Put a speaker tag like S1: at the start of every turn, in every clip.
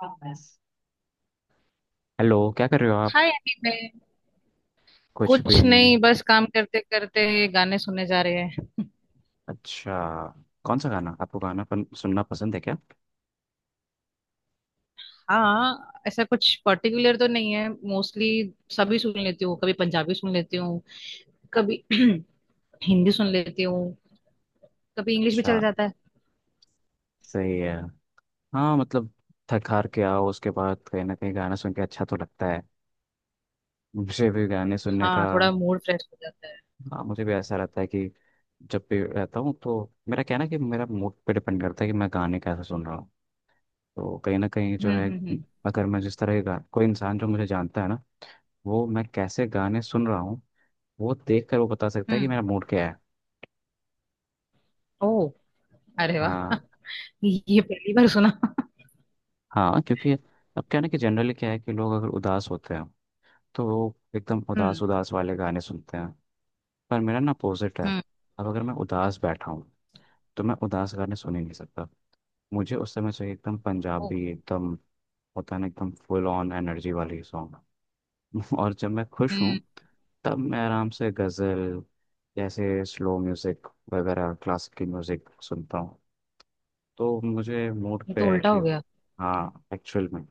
S1: बस। हेलो। आप?
S2: Hi anime.
S1: कुछ
S2: कुछ
S1: भी
S2: नहीं,
S1: नहीं।
S2: बस काम करते करते गाने सुनने जा रहे हैं।
S1: अच्छा, कौन
S2: हाँ, ऐसा कुछ पर्टिकुलर तो नहीं है, मोस्टली सभी सुन लेती हूँ। कभी पंजाबी सुन लेती हूँ, कभी हिंदी सुन लेती हूँ, कभी इंग्लिश भी
S1: सा?
S2: चल जाता है।
S1: सही है। हाँ, मतलब थक हार के आओ उसके बाद कहीं ना कहीं गाना सुन के अच्छा तो लगता है। मुझे भी गाने सुनने का।
S2: हाँ, थोड़ा मूड फ्रेश हो जाता है।
S1: हाँ, मुझे भी ऐसा रहता है कि जब भी रहता हूँ तो मेरा कहना है कि मेरा मूड पे डिपेंड करता है कि मैं गाने कैसे सुन रहा हूँ। तो कहीं ना कहीं जो
S2: हम्म,
S1: है,
S2: हम्म, हम्म।
S1: अगर कोई इंसान जो मुझे जानता है ना, वो मैं कैसे गाने सुन रहा हूँ वो देख कर वो बता सकता है कि
S2: हम्म।
S1: मेरा मूड क्या है।
S2: ओ। अरे वाह,
S1: हाँ।
S2: ये पहली बार सुना।
S1: हाँ, क्योंकि अब क्या है ना, कि जनरली क्या है कि लोग अगर उदास होते हैं तो वो एकदम
S2: हम्म।
S1: उदास उदास वाले गाने सुनते हैं। पर मेरा ना अपोजिट है।
S2: हम्म।
S1: अब अगर मैं उदास बैठा हूँ तो मैं उदास गाने सुन ही नहीं सकता। मुझे उस समय चाहिए एकदम
S2: ओ।
S1: पंजाबी, एकदम होता है ना एकदम फुल ऑन एनर्जी वाली सॉन्ग। और जब मैं खुश
S2: हम्म।
S1: हूँ तब मैं आराम से गज़ल, जैसे स्लो म्यूज़िक वगैरह, क्लासिकल म्यूज़िक सुनता हूँ। तो मुझे मूड
S2: ये तो
S1: पे है
S2: उल्टा
S1: कि।
S2: हो गया।
S1: हाँ, एक्चुअल में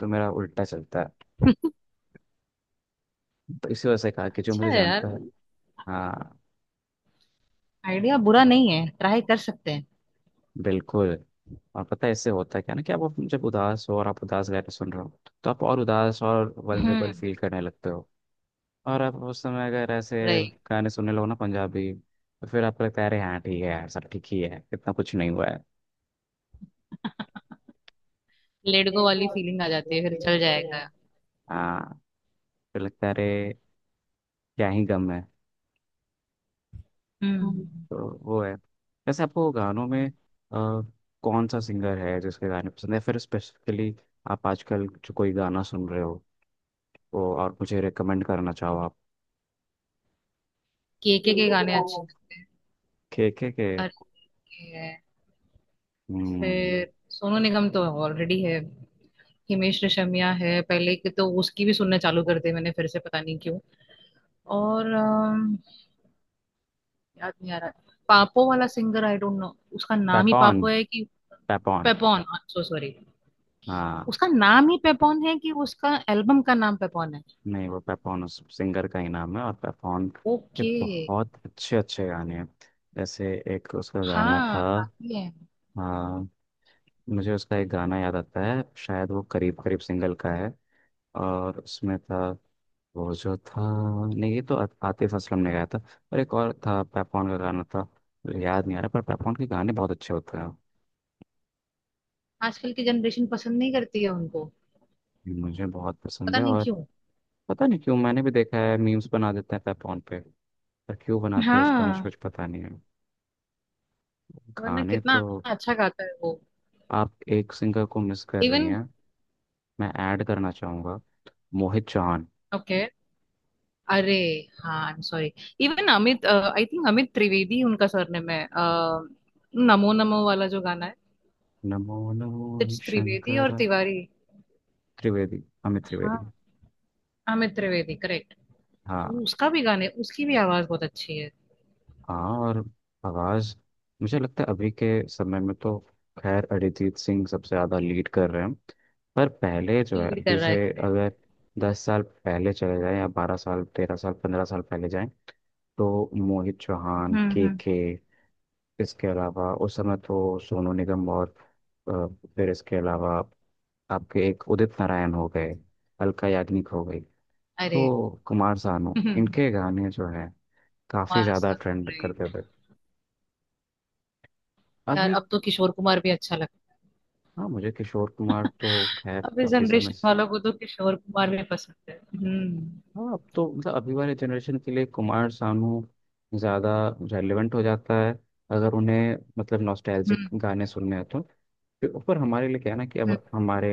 S1: तो मेरा उल्टा चलता है। तो इसी वजह से कहा कि जो
S2: अच्छा
S1: मुझे
S2: है यार,
S1: जानता है। हाँ।
S2: आइडिया बुरा नहीं है, ट्राई कर सकते हैं।
S1: बिल्कुल। और पता है इससे होता है क्या ना कि आप जब उदास हो और आप उदास गाने सुन रहे हो तो आप और उदास और वल्नरेबल
S2: हम्म।
S1: फील करने लगते हो। और आप उस समय अगर ऐसे
S2: राइट।
S1: गाने सुनने लगो ना पंजाबी, तो फिर आपको लगता है अरे हाँ ठीक है यार, सब ठीक ही है, इतना कुछ नहीं हुआ है।
S2: लेडगो वाली फीलिंग आ जाती है, फिर चल जाएगा।
S1: हाँ, फिर लगता है अरे क्या ही गम है।
S2: हम्म।
S1: तो वो है। वैसे आपको गानों में अ, कौन सा सिंगर है जिसके गाने पसंद है फिर स्पेसिफिकली? आप आजकल जो कोई गाना सुन रहे हो को और मुझे रेकमेंड करना चाहो आप?
S2: केके के गाने अच्छे।
S1: के के।
S2: अरे है।
S1: हम्म।
S2: फिर सोनू निगम तो ऑलरेडी है। हिमेश रेशमिया है पहले के, तो उसकी भी सुनना चालू कर दी मैंने फिर से, पता नहीं क्यों। और याद नहीं आ रहा। पापो वाला सिंगर, आई डोंट नो उसका नाम ही
S1: पेपॉन।
S2: पापो है कि
S1: पेपॉन।
S2: पेपॉन। So sorry.
S1: हाँ।
S2: उसका नाम ही पेपॉन है कि उसका एल्बम का नाम पेपॉन है?
S1: नहीं, वो पेपॉन उस सिंगर का ही नाम है। और पेपॉन के
S2: ओके।
S1: बहुत अच्छे अच्छे गाने हैं। जैसे एक उसका गाना
S2: हाँ,
S1: था।
S2: काफी है।
S1: हाँ, मुझे उसका एक गाना याद आता है, शायद वो करीब करीब सिंगल का है, और उसमें था, वो जो था, नहीं ये तो आतिफ असलम ने गाया था। और एक और था पेपॉन का गाना था, मुझे याद नहीं आ रहा। पर पेपॉन के गाने बहुत अच्छे होते हैं,
S2: आजकल की जनरेशन पसंद नहीं करती है उनको,
S1: मुझे बहुत पसंद
S2: पता
S1: है।
S2: नहीं
S1: और
S2: क्यों।
S1: पता नहीं क्यों, मैंने भी देखा है मीम्स बना देते हैं पैपॉन पे, पर क्यों बनाते हैं उसका मुझे
S2: हाँ।
S1: कुछ पता नहीं है।
S2: वरना
S1: गाने
S2: कितना
S1: तो।
S2: अच्छा गाता है वो।
S1: आप एक सिंगर को मिस कर रही
S2: इवन।
S1: हैं, मैं ऐड करना चाहूंगा, मोहित चौहान।
S2: ओके। अरे हाँ, I am sorry. Even Amit, I think Amit Trivedi उनका सरनेम है, नमो नमो वाला जो गाना है।
S1: नमो नमो ही
S2: इट्स त्रिवेदी और
S1: शंकर।
S2: तिवारी।
S1: त्रिवेदी, अमित त्रिवेदी।
S2: हाँ, अमित त्रिवेदी करेक्ट।
S1: हाँ।
S2: उसका भी गाने, उसकी भी आवाज बहुत अच्छी है।
S1: हाँ। और आवाज, मुझे लगता है अभी के समय में तो खैर अरिजीत सिंह सबसे ज्यादा लीड कर रहे हैं। पर पहले जो है,
S2: लीड
S1: अभी
S2: कर रहा है
S1: से
S2: correct।
S1: अगर 10 साल पहले चले जाएं, या 12 साल, 13 साल, 15 साल पहले जाएं, तो मोहित चौहान,
S2: हम्म,
S1: के
S2: हम्म।
S1: के इसके अलावा उस समय तो सोनू निगम और अ, फिर इसके अलावा आपके एक उदित नारायण हो गए, अलका याग्निक हो गई,
S2: अरे,
S1: तो कुमार सानू,
S2: कुमार
S1: इनके गाने जो है काफी ज्यादा
S2: सानू,
S1: ट्रेंड करते
S2: राइट।
S1: थे।
S2: यार,
S1: अभी।
S2: अब तो किशोर कुमार भी अच्छा लगता
S1: हाँ, मुझे किशोर कुमार तो खैर
S2: है। अब इस
S1: काफी समय
S2: जनरेशन
S1: से।
S2: वालों को तो किशोर कुमार भी पसंद है। हम्म।
S1: हाँ, अब तो मतलब अभी वाले जनरेशन के लिए कुमार सानू ज़्यादा रेलेवेंट हो जाता है, अगर उन्हें मतलब नॉस्टैल्जिक
S2: हम्म,
S1: गाने सुनने हैं तो। फिर ऊपर हमारे लिए क्या है ना, कि अब
S2: हम्म,
S1: हमारे,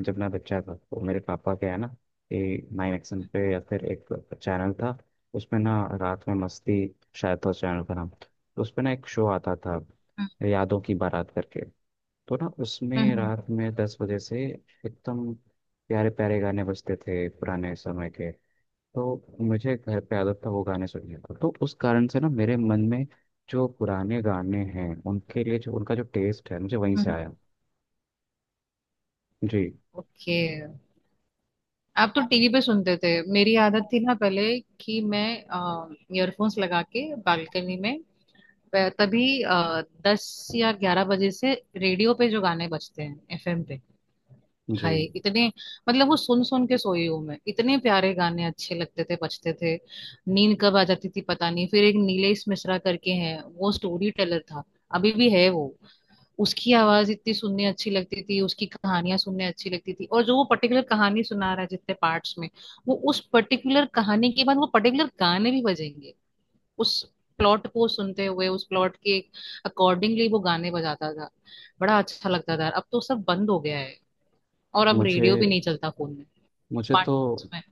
S1: जब मैं बच्चा था तो मेरे पापा, क्या है ना कि नाइन एक्शन पे, या फिर एक चैनल था, उसमें ना रात में मस्ती शायद था उस चैनल का नाम। तो उसमें ना एक शो आता था, यादों की बारात करके। तो ना
S2: हम्म,
S1: उसमें रात में 10 बजे से एकदम प्यारे प्यारे गाने बजते थे पुराने समय के। तो मुझे घर पे आदत था वो गाने सुनने का, तो उस कारण से ना मेरे मन में जो पुराने गाने हैं उनके लिए, जो उनका जो टेस्ट है, मुझे वहीं से
S2: हम्म।
S1: आया। जी।
S2: ओके। आप तो टीवी पे सुनते थे, मेरी आदत थी ना पहले, कि मैं ईयरफोन्स लगा के बालकनी में तभी 10 या 11 बजे से रेडियो पे जो गाने बजते हैं एफएम पे। हाय
S1: जी।
S2: इतने, मतलब वो सुन सुन के सोई हूँ मैं, इतने प्यारे गाने अच्छे लगते थे, बजते थे। नींद कब आ जाती थी पता नहीं। फिर एक नीलेश मिश्रा करके हैं, वो स्टोरी टेलर था, अभी भी है वो। उसकी आवाज इतनी सुनने अच्छी लगती थी, उसकी कहानियां सुनने अच्छी लगती थी। और जो वो पर्टिकुलर कहानी सुना रहा है, जितने पार्ट्स में, वो उस पर्टिकुलर कहानी के बाद वो पर्टिकुलर गाने भी बजेंगे। उस प्लॉट को सुनते हुए उस प्लॉट के अकॉर्डिंगली वो गाने बजाता था। बड़ा अच्छा लगता था। अब तो सब बंद हो गया है। और अब
S1: मुझे
S2: रेडियो भी नहीं चलता फोन में,
S1: मुझे तो।
S2: स्मार्टफोन्स में।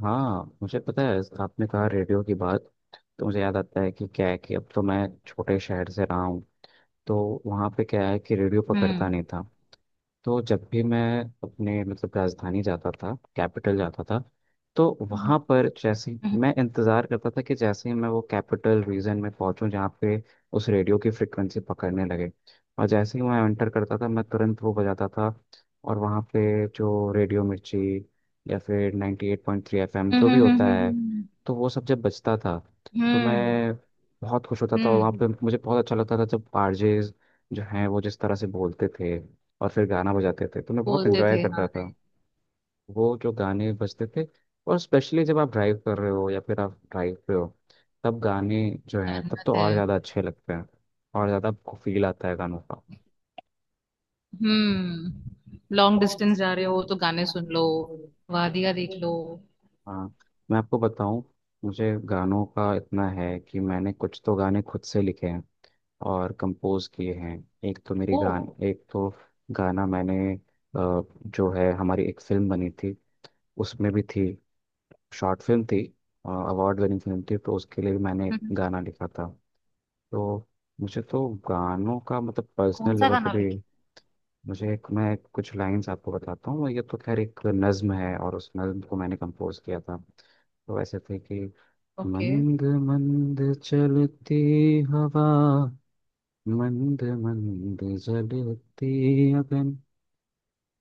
S1: हाँ, मुझे पता है आपने कहा रेडियो की बात, तो मुझे याद आता है कि क्या है कि अब तो मैं छोटे शहर से रहा हूँ, तो वहाँ पे क्या है कि रेडियो पकड़ता
S2: हम्म,
S1: नहीं था। तो जब भी मैं अपने मतलब राजधानी जाता था, कैपिटल जाता था, तो
S2: हम्म,
S1: वहाँ पर
S2: हम्म,
S1: मैं इंतज़ार करता था कि जैसे ही मैं वो कैपिटल रीजन में पहुँचूँ जहाँ पे उस रेडियो की फ्रिक्वेंसी पकड़ने लगे, और जैसे ही मैं एंटर करता था मैं तुरंत वो बजाता था। और वहाँ पे जो रेडियो मिर्ची या फिर 98.3 एफएम जो
S2: हम्म,
S1: भी होता है,
S2: हम्म,
S1: तो वो सब जब बजता था तो
S2: हम्म,
S1: मैं बहुत खुश होता था। और वहाँ
S2: हम्म।
S1: पे मुझे बहुत अच्छा लगता था जब आरजेज जो हैं वो जिस तरह से बोलते थे और फिर गाना बजाते थे, तो मैं बहुत वो
S2: बोलते
S1: एंजॉय
S2: थे,
S1: तो है। करता
S2: हाँ।
S1: था। वो जो गाने बजते थे, और स्पेशली जब आप ड्राइव कर रहे हो या फिर आप ड्राइव पे हो, तब गाने जो हैं तब
S2: जन्नत
S1: तो
S2: है।
S1: और ज़्यादा अच्छे लगते हैं। और ज़्यादा आपको फील आता है गानों का।
S2: हम्म, लॉन्ग डिस्टेंस जा रहे हो तो गाने सुन लो, वादियां देख लो।
S1: हाँ, मैं आपको बताऊं, मुझे गानों का इतना है कि मैंने कुछ तो गाने खुद से लिखे हैं और कंपोज किए हैं। एक तो मेरी
S2: ओ।
S1: गान, एक तो गाना मैंने जो है हमारी एक फिल्म बनी थी उसमें भी थी, शॉर्ट फिल्म थी, अवार्ड विनिंग फिल्म थी, तो उसके लिए भी मैंने एक
S2: हम्म।
S1: गाना लिखा था। तो मुझे तो गानों का मतलब
S2: कौन
S1: पर्सनल
S2: सा
S1: लेवल पे
S2: गाना लिखे?
S1: भी। मुझे एक, मैं कुछ लाइंस आपको बताता हूँ, ये तो खैर एक नज्म है और उस नज्म को मैंने कंपोज किया था। तो ऐसे थे कि,
S2: ओके।
S1: मंद मंद चलती हवा, मंद मंद जलती अगन,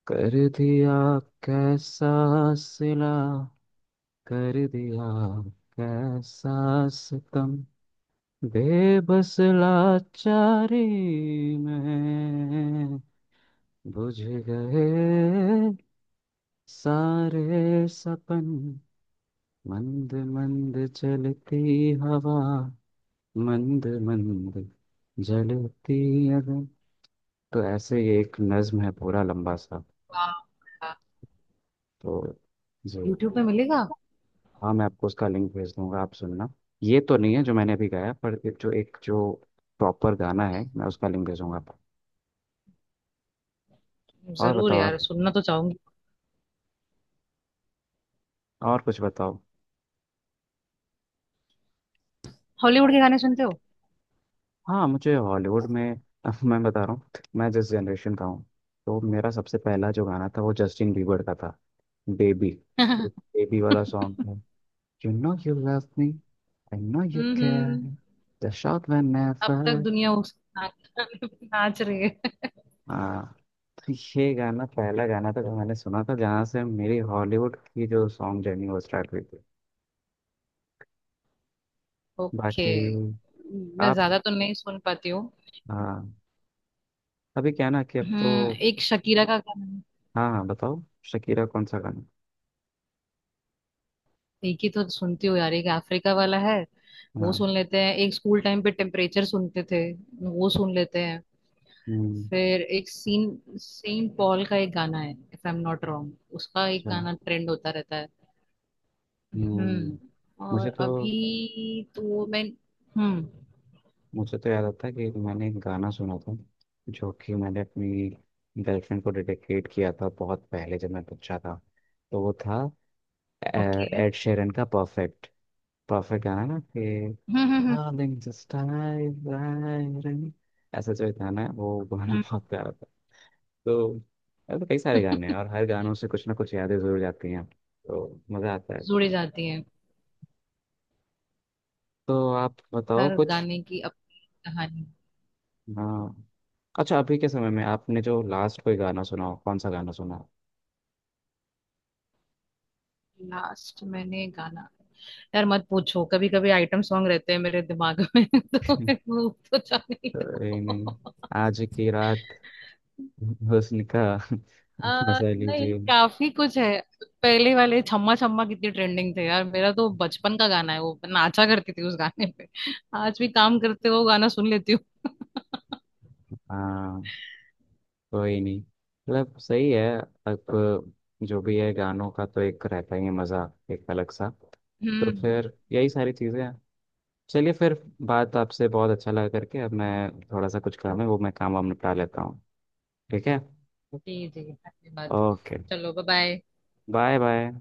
S1: कर दिया कैसा सिला, कर दिया कैसा सितम, बेबस लाचारी में बुझ गए सारे सपन, मंद मंद चलती हवा, मंद मंद जलती अगन। तो ऐसे ही एक नज्म है पूरा लंबा सा।
S2: वाह।
S1: तो जी।
S2: यूट्यूब पे मिलेगा?
S1: हाँ, मैं आपको उसका लिंक भेज दूंगा, आप सुनना। ये तो नहीं है जो मैंने अभी गाया, पर ये जो एक जो प्रॉपर गाना है, मैं उसका लिंक भेजूंगा आपको। और
S2: जरूर
S1: बताओ
S2: यार,
S1: आप,
S2: सुनना तो चाहूंगी।
S1: और कुछ बताओ।
S2: हॉलीवुड के गाने सुनते हो?
S1: हाँ, मुझे हॉलीवुड में, मैं बता रहा हूँ, मैं जिस जनरेशन का हूँ, तो मेरा सबसे पहला जो गाना था वो जस्टिन बीबर का था, बेबी। तो
S2: हम्म।
S1: बेबी वाला सॉन्ग था, you know you love me, I know you care, the shot when
S2: अब तक
S1: नेवर।
S2: दुनिया उस नाच नाच रही है।
S1: तो ये गाना, पहला गाना तो मैंने सुना था, जहाँ से मेरी हॉलीवुड की जो सॉन्ग जर्नी वो स्टार्ट हुई थी।
S2: ओके।
S1: बाकी।
S2: मैं
S1: आप?
S2: ज्यादा तो नहीं सुन पाती हूँ।
S1: हाँ। अभी क्या ना कि अब
S2: हम्म,
S1: तो।
S2: एक शकीरा का गाना।
S1: हाँ, हाँ, बताओ, शकीरा कौन सा गाना?
S2: एक ही तो सुनती हूँ यार, एक अफ्रीका वाला है, वो
S1: हाँ।
S2: सुन लेते हैं। एक स्कूल टाइम पे टेम्परेचर सुनते थे, वो सुन लेते हैं।
S1: हम्म।
S2: फिर एक सीन सेंट पॉल का एक गाना है if I am not wrong, उसका एक
S1: अच्छा।
S2: गाना ट्रेंड होता रहता है।
S1: हम्म।
S2: हम्म, और
S1: मुझे तो
S2: अभी तो मैं। हम्म।
S1: मुझे तो याद आता है कि मैंने एक गाना सुना था, जो कि मैंने अपनी गर्लफ्रेंड को डेडिकेट किया था बहुत पहले जब मैं बच्चा था। तो वो था अ,
S2: ओके।
S1: एड शेरन का परफेक्ट, परफेक्ट गाना ना कि
S2: हम्म, हम्म, हम्म,
S1: हाँ दिन जस्ट, ऐसा जो गाना है, वो गाना
S2: हम्म।
S1: बहुत प्यारा था। तो ऐसे कई सारे गाने हैं, और हर गानों से कुछ ना कुछ यादें जरूर जाती हैं, तो मज़ा आता है।
S2: जुड़ी जाती है।
S1: तो आप बताओ
S2: हर
S1: कुछ।
S2: गाने की अपनी कहानी।
S1: हाँ। अच्छा, अभी के समय में आपने जो लास्ट कोई गाना सुना हो, कौन सा गाना सुना हो?
S2: लास्ट मैंने गाना, यार मत पूछो, कभी कभी आइटम सॉन्ग रहते हैं मेरे दिमाग में तो मैं भूल तो जानी
S1: तो ये
S2: तो।
S1: नहीं, आज की रात हुस्न का मजा
S2: नहीं,
S1: लीजिए।
S2: काफी कुछ है। पहले वाले छम्मा छम्मा कितनी ट्रेंडिंग थे यार, मेरा तो बचपन का गाना है वो, मैं नाचा करती थी उस गाने पे। आज भी काम करते हुए वो गाना सुन लेती हूँ।
S1: हाँ, कोई नहीं, मतलब सही है। अब जो भी है गानों का तो एक रहता ही है मज़ा, एक अलग सा। तो
S2: हम्म।
S1: फिर यही सारी चीज़ें हैं। चलिए फिर, बात आपसे बहुत अच्छा लगा करके, अब मैं थोड़ा सा कुछ काम है वो मैं काम वाम निपटा लेता हूँ। ठीक है।
S2: जी जी, अच्छी बात।
S1: ओके।
S2: चलो, बाय बाय।
S1: Bye bye.